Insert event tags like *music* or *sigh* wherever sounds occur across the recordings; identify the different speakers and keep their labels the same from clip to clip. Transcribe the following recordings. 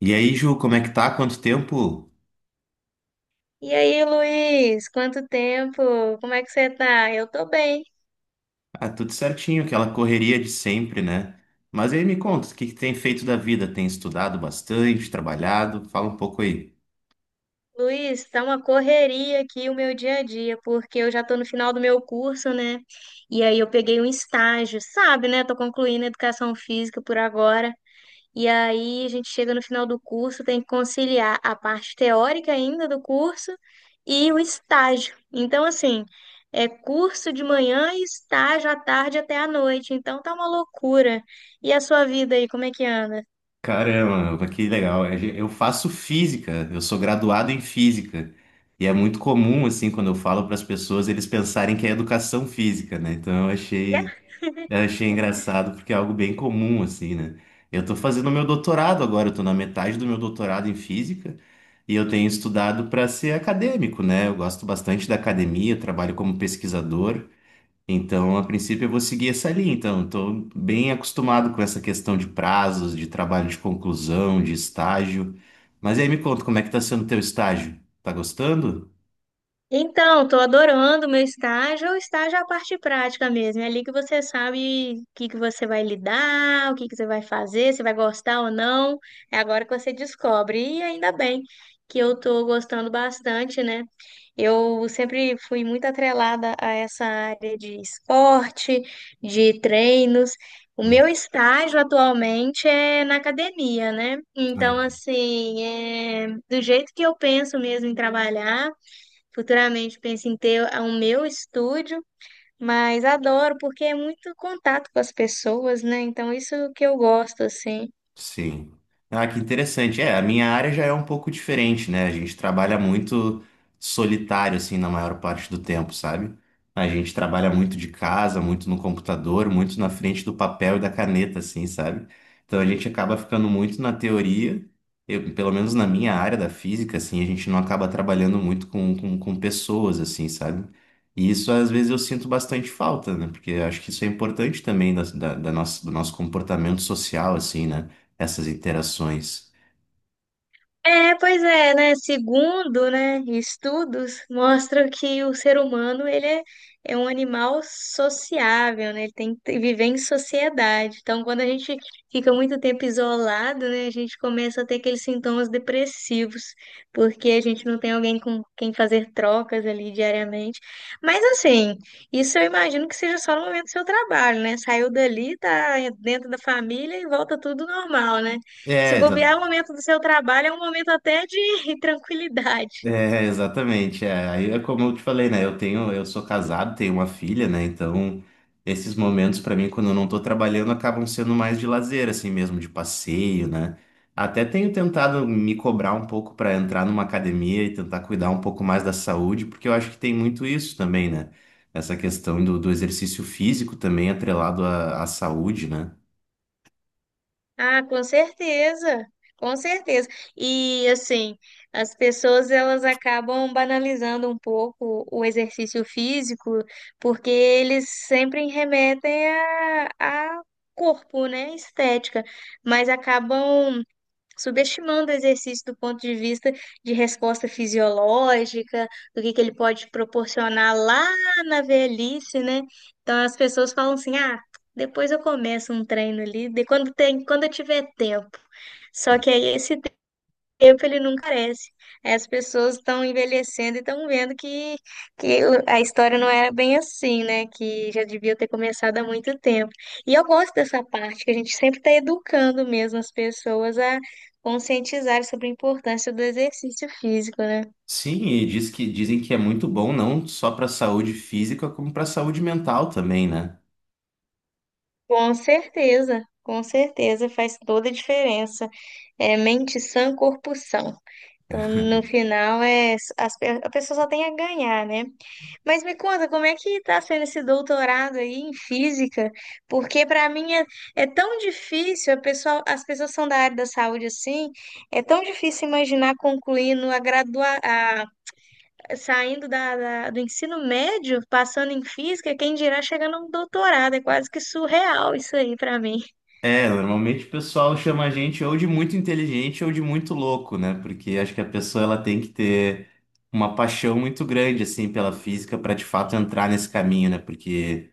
Speaker 1: E aí, Ju, como é que tá? Quanto tempo?
Speaker 2: E aí, Luiz, quanto tempo? Como é que você tá? Eu tô bem.
Speaker 1: Ah, tudo certinho, aquela correria de sempre, né? Mas aí me conta, o que que tem feito da vida? Tem estudado bastante, trabalhado? Fala um pouco aí.
Speaker 2: Luiz, tá uma correria aqui o meu dia a dia, porque eu já tô no final do meu curso, né? E aí eu peguei um estágio, sabe, né? Tô concluindo educação física por agora. E aí a gente chega no final do curso, tem que conciliar a parte teórica ainda do curso e o estágio. Então, assim, é curso de manhã e estágio à tarde até à noite. Então tá uma loucura. E a sua vida aí, como é que anda?
Speaker 1: Caramba, que legal. Eu faço física, eu sou graduado em física. E é muito comum, assim, quando eu falo para as pessoas, eles pensarem que é educação física, né?
Speaker 2: É.
Speaker 1: Eu achei engraçado porque é algo bem comum, assim, né? Eu tô fazendo meu doutorado agora, eu tô na metade do meu doutorado em física e eu tenho estudado para ser acadêmico, né? Eu gosto bastante da academia, eu trabalho como pesquisador, então, a princípio, eu vou seguir essa linha. Então, eu tô bem acostumado com essa questão de prazos, de trabalho de conclusão, de estágio. Mas aí me conta, como é que tá sendo teu estágio? Tá gostando?
Speaker 2: Então, estou adorando o meu estágio. O estágio é a parte prática mesmo. É ali que você sabe o que que você vai lidar, o que que você vai fazer, se vai gostar ou não. É agora que você descobre. E ainda bem que eu estou gostando bastante, né? Eu sempre fui muito atrelada a essa área de esporte, de treinos. O meu estágio atualmente é na academia, né? Então,
Speaker 1: Hum.
Speaker 2: assim, é do jeito que eu penso mesmo em trabalhar. Futuramente penso em ter o meu estúdio, mas adoro porque é muito contato com as pessoas, né? Então, isso que eu gosto, assim.
Speaker 1: Sim. Ah, que interessante. É, a minha área já é um pouco diferente, né? A gente trabalha muito solitário, assim, na maior parte do tempo, sabe? A gente trabalha muito de casa, muito no computador, muito na frente do papel e da caneta, assim, sabe? Então a gente acaba ficando muito na teoria, eu, pelo menos na minha área da física, assim, a gente não acaba trabalhando muito com pessoas, assim, sabe? E isso às vezes eu sinto bastante falta, né? Porque eu acho que isso é importante também da nossa, do nosso comportamento social, assim, né? Essas interações.
Speaker 2: É, pois é, né? Segundo, né, estudos mostram que o ser humano é um animal sociável, né? Ele tem viver em sociedade. Então, quando a gente fica muito tempo isolado, né, a gente começa a ter aqueles sintomas depressivos, porque a gente não tem alguém com quem fazer trocas ali diariamente. Mas assim, isso eu imagino que seja só no momento do seu trabalho, né? Saiu dali, tá dentro da família e volta tudo normal, né? Se
Speaker 1: É, exa-
Speaker 2: bobear é o momento do seu trabalho, é um momento até de *laughs* tranquilidade.
Speaker 1: Exatamente. É. Aí é como eu te falei, né? Eu tenho, eu sou casado, tenho uma filha, né? Então, esses momentos pra mim, quando eu não tô trabalhando, acabam sendo mais de lazer, assim mesmo, de passeio, né? Até tenho tentado me cobrar um pouco pra entrar numa academia e tentar cuidar um pouco mais da saúde, porque eu acho que tem muito isso também, né? Essa questão do, do exercício físico também atrelado à, à saúde, né?
Speaker 2: Ah, com certeza, com certeza. E assim, as pessoas elas acabam banalizando um pouco o exercício físico, porque eles sempre remetem a corpo, né? Estética, mas acabam subestimando o exercício do ponto de vista de resposta fisiológica, do que ele pode proporcionar lá na velhice, né? Então as pessoas falam assim: "Ah, depois eu começo um treino ali, quando eu tiver tempo". Só que aí esse tempo ele não carece. Aí as pessoas estão envelhecendo e estão vendo que a história não era bem assim, né? Que já devia ter começado há muito tempo. E eu gosto dessa parte, que a gente sempre está educando mesmo as pessoas a conscientizar sobre a importância do exercício físico, né?
Speaker 1: Sim, e diz que, dizem que é muito bom não só para saúde física, como para saúde mental também, né?
Speaker 2: Com certeza faz toda a diferença. É mente sã, corpo são. Então, no final, a pessoa só tem a ganhar, né? Mas me conta, como é que está sendo esse doutorado aí em física? Porque para mim é tão difícil, as pessoas são da área da saúde assim, é tão difícil imaginar concluindo a gradua, a- saindo do ensino médio, passando em física, quem dirá chegando a um doutorado, é quase que surreal isso aí para mim.
Speaker 1: É, normalmente o pessoal chama a gente ou de muito inteligente ou de muito louco, né? Porque acho que a pessoa ela tem que ter uma paixão muito grande assim pela física para de fato entrar nesse caminho, né? Porque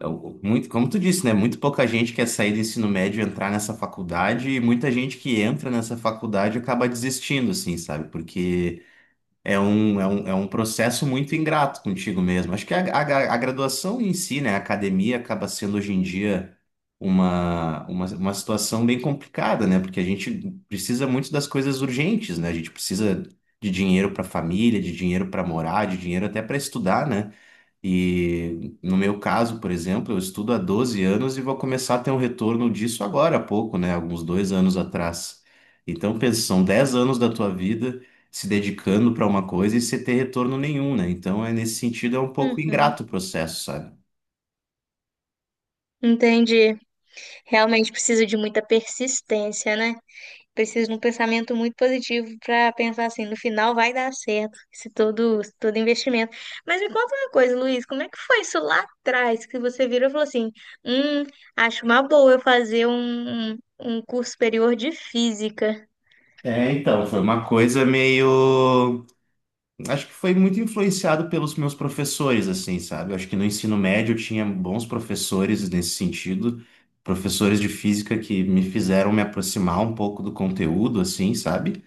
Speaker 1: muito, como tu disse, né? Muito pouca gente quer sair do ensino médio e entrar nessa faculdade e muita gente que entra nessa faculdade acaba desistindo, assim, sabe? Porque é um processo muito ingrato contigo mesmo. Acho que a graduação em si, né, a academia acaba sendo hoje em dia uma situação bem complicada, né? Porque a gente precisa muito das coisas urgentes, né? A gente precisa de dinheiro para a família, de dinheiro para morar, de dinheiro até para estudar, né? E no meu caso, por exemplo, eu estudo há 12 anos e vou começar a ter um retorno disso agora há pouco, né? Alguns 2 anos atrás. Então, pensa, são 10 anos da tua vida se dedicando para uma coisa e sem ter retorno nenhum, né? Então, é nesse sentido, é um pouco
Speaker 2: Uhum,
Speaker 1: ingrato o processo, sabe?
Speaker 2: entendi. Realmente precisa de muita persistência, né? Preciso de um pensamento muito positivo para pensar assim, no final vai dar certo esse todo investimento. Mas me conta uma coisa, Luiz, como é que foi isso lá atrás que você virou e falou assim, hum, acho uma boa eu fazer um curso superior de física.
Speaker 1: É, então, foi uma coisa meio. Acho que foi muito influenciado pelos meus professores, assim, sabe? Eu acho que no ensino médio eu tinha bons professores nesse sentido, professores de física que me fizeram me aproximar um pouco do conteúdo, assim, sabe?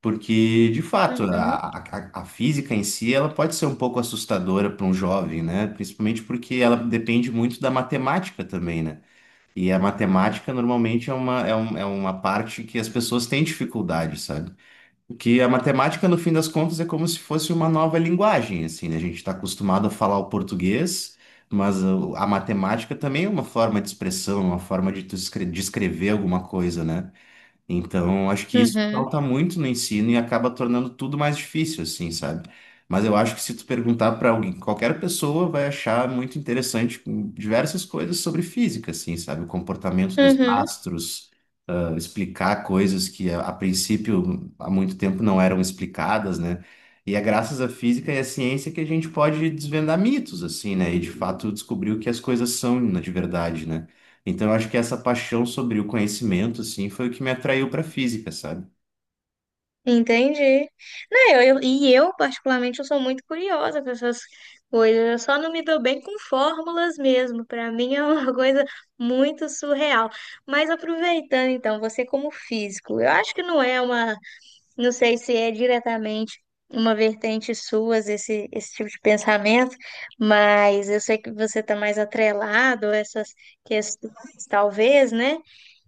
Speaker 1: Porque, de fato,
Speaker 2: Uhum,
Speaker 1: a física em si, ela pode ser um pouco assustadora para um jovem, né? Principalmente porque ela depende muito da matemática também, né? E a matemática normalmente é uma parte que as pessoas têm dificuldade, sabe? Porque a matemática, no fim das contas, é como se fosse uma nova linguagem, assim, né? A gente está acostumado a falar o português, mas a matemática também é uma forma de expressão, uma forma de de escrever alguma coisa, né? Então, acho que isso
Speaker 2: uhum,
Speaker 1: falta muito no ensino e acaba tornando tudo mais difícil, assim, sabe? Mas eu acho que se tu perguntar para alguém, qualquer pessoa vai achar muito interessante diversas coisas sobre física, assim, sabe? O comportamento dos
Speaker 2: uhum.
Speaker 1: astros, ah, explicar coisas que a princípio há muito tempo não eram explicadas, né? E é graças à física e à ciência que a gente pode desvendar mitos, assim, né? E de fato descobrir o que as coisas são, né, de verdade, né? Então, eu acho que essa paixão sobre o conhecimento, assim, foi o que me atraiu para física, sabe?
Speaker 2: Entendi. Não, eu, particularmente, eu sou muito curiosa com essas coisas. Eu só não me dou bem com fórmulas mesmo. Para mim é uma *laughs* coisa muito surreal. Mas aproveitando, então, você como físico, eu acho que não é uma, não sei se é diretamente uma vertente sua esse tipo de pensamento, mas eu sei que você está mais atrelado a essas questões, talvez, né?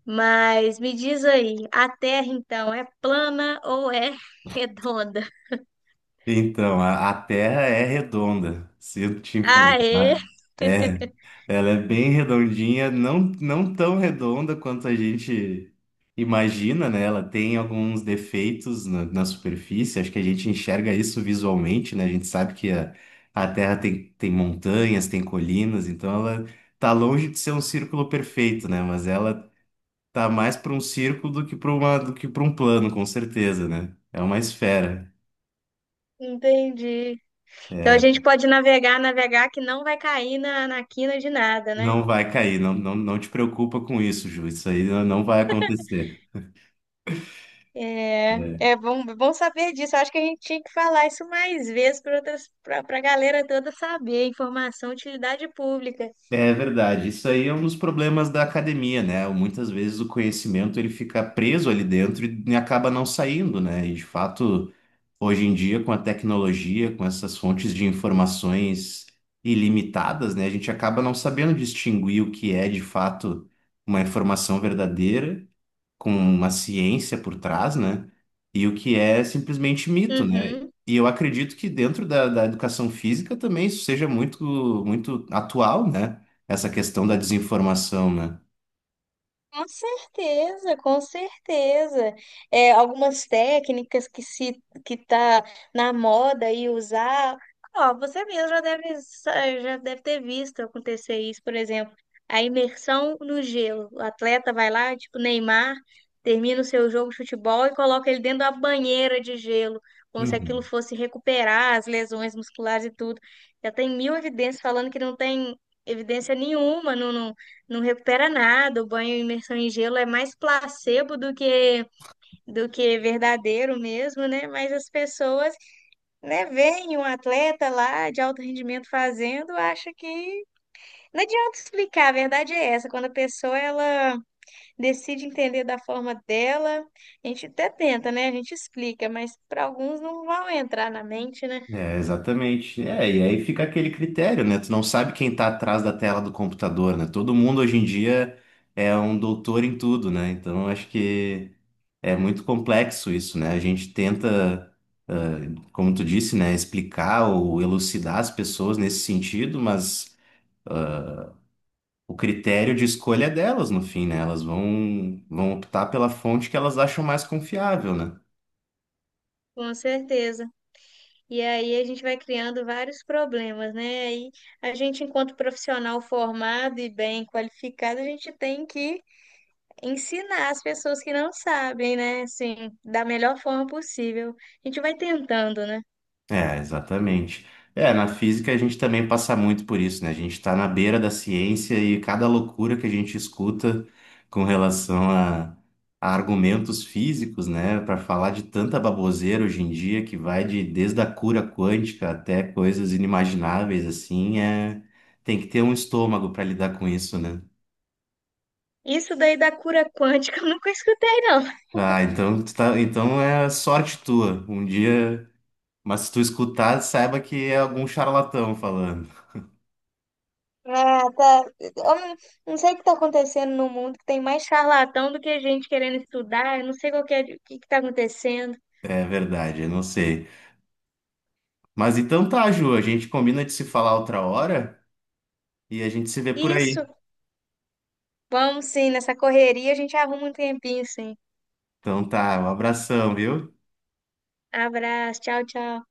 Speaker 2: Mas me diz aí, a Terra então é plana ou é redonda? *laughs*
Speaker 1: Então, a Terra é redonda, sinto te
Speaker 2: Aê!
Speaker 1: informar. É, ela é bem redondinha, não, não tão redonda quanto a gente imagina, né? Ela tem alguns defeitos na superfície, acho que a gente enxerga isso visualmente, né? A gente sabe que a Terra tem, tem montanhas, tem colinas, então ela tá longe de ser um círculo perfeito, né? Mas ela tá mais para um círculo do que para uma do que para um plano, com certeza, né? É uma esfera.
Speaker 2: Entendi. Então a
Speaker 1: É,
Speaker 2: gente pode navegar, navegar que não vai cair na quina de nada, né?
Speaker 1: não vai cair, não, não, não te preocupa com isso, Ju. Isso aí não vai acontecer. É,
Speaker 2: É, é bom, bom saber disso. Eu acho que a gente tinha que falar isso mais vezes para a galera toda saber. Informação, utilidade pública.
Speaker 1: é verdade. Isso aí é um dos problemas da academia, né? Muitas vezes o conhecimento ele fica preso ali dentro e acaba não saindo, né? E de fato, hoje em dia, com a tecnologia, com essas fontes de informações ilimitadas, né? A gente acaba não sabendo distinguir o que é de fato uma informação verdadeira com uma ciência por trás, né? E o que é simplesmente mito, né?
Speaker 2: Uhum.
Speaker 1: E eu acredito que dentro da educação física também isso seja muito, muito atual, né? Essa questão da desinformação, né?
Speaker 2: Com certeza, com certeza. É, algumas técnicas que se que tá na moda e usar. Ó, você mesmo já deve ter visto acontecer isso, por exemplo, a imersão no gelo. O atleta vai lá, tipo Neymar, termina o seu jogo de futebol e coloca ele dentro da banheira de gelo, como se aquilo
Speaker 1: Uhum.
Speaker 2: fosse recuperar as lesões musculares e tudo. Já tem mil evidências falando que não tem evidência nenhuma, não recupera nada, o banho imersão em gelo é mais placebo do que verdadeiro mesmo, né? Mas as pessoas, né, veem um atleta lá de alto rendimento fazendo, acha que não adianta explicar, a verdade é essa, quando a pessoa ela decide entender da forma dela, a gente até tenta, né? A gente explica, mas para alguns não vão entrar na mente, né?
Speaker 1: É, exatamente. É, e aí fica aquele critério, né? Tu não sabe quem tá atrás da tela do computador, né? Todo mundo hoje em dia é um doutor em tudo, né? Então acho que é muito complexo isso, né? A gente tenta, ah, como tu disse, né, explicar ou elucidar as pessoas nesse sentido, mas o critério de escolha é delas no fim, né? Elas vão, vão optar pela fonte que elas acham mais confiável, né?
Speaker 2: Com certeza. E aí a gente vai criando vários problemas, né? Aí a gente, enquanto profissional formado e bem qualificado, a gente tem que ensinar as pessoas que não sabem, né? Assim, da melhor forma possível. A gente vai tentando, né?
Speaker 1: É, exatamente. É, na física a gente também passa muito por isso, né? A gente está na beira da ciência e cada loucura que a gente escuta com relação a argumentos físicos, né? Para falar de tanta baboseira hoje em dia que vai de desde a cura quântica até coisas inimagináveis, assim, é... tem que ter um estômago para lidar com isso, né?
Speaker 2: Isso daí da cura quântica *laughs* eu nunca escutei, não.
Speaker 1: Ah, então, tu tá, então é sorte tua. Um dia, mas se tu escutar, saiba que é algum charlatão falando.
Speaker 2: Ah, tá. Eu não não sei o que está acontecendo no mundo, que tem mais charlatão do que gente querendo estudar. Eu não sei qual que é, o que está acontecendo.
Speaker 1: É verdade, eu não sei. Mas então tá, Ju, a gente combina de se falar outra hora e a gente se vê por
Speaker 2: Isso,
Speaker 1: aí.
Speaker 2: vamos sim, nessa correria a gente arruma um tempinho, sim.
Speaker 1: Então tá, um abração, viu?
Speaker 2: Abraço, tchau, tchau.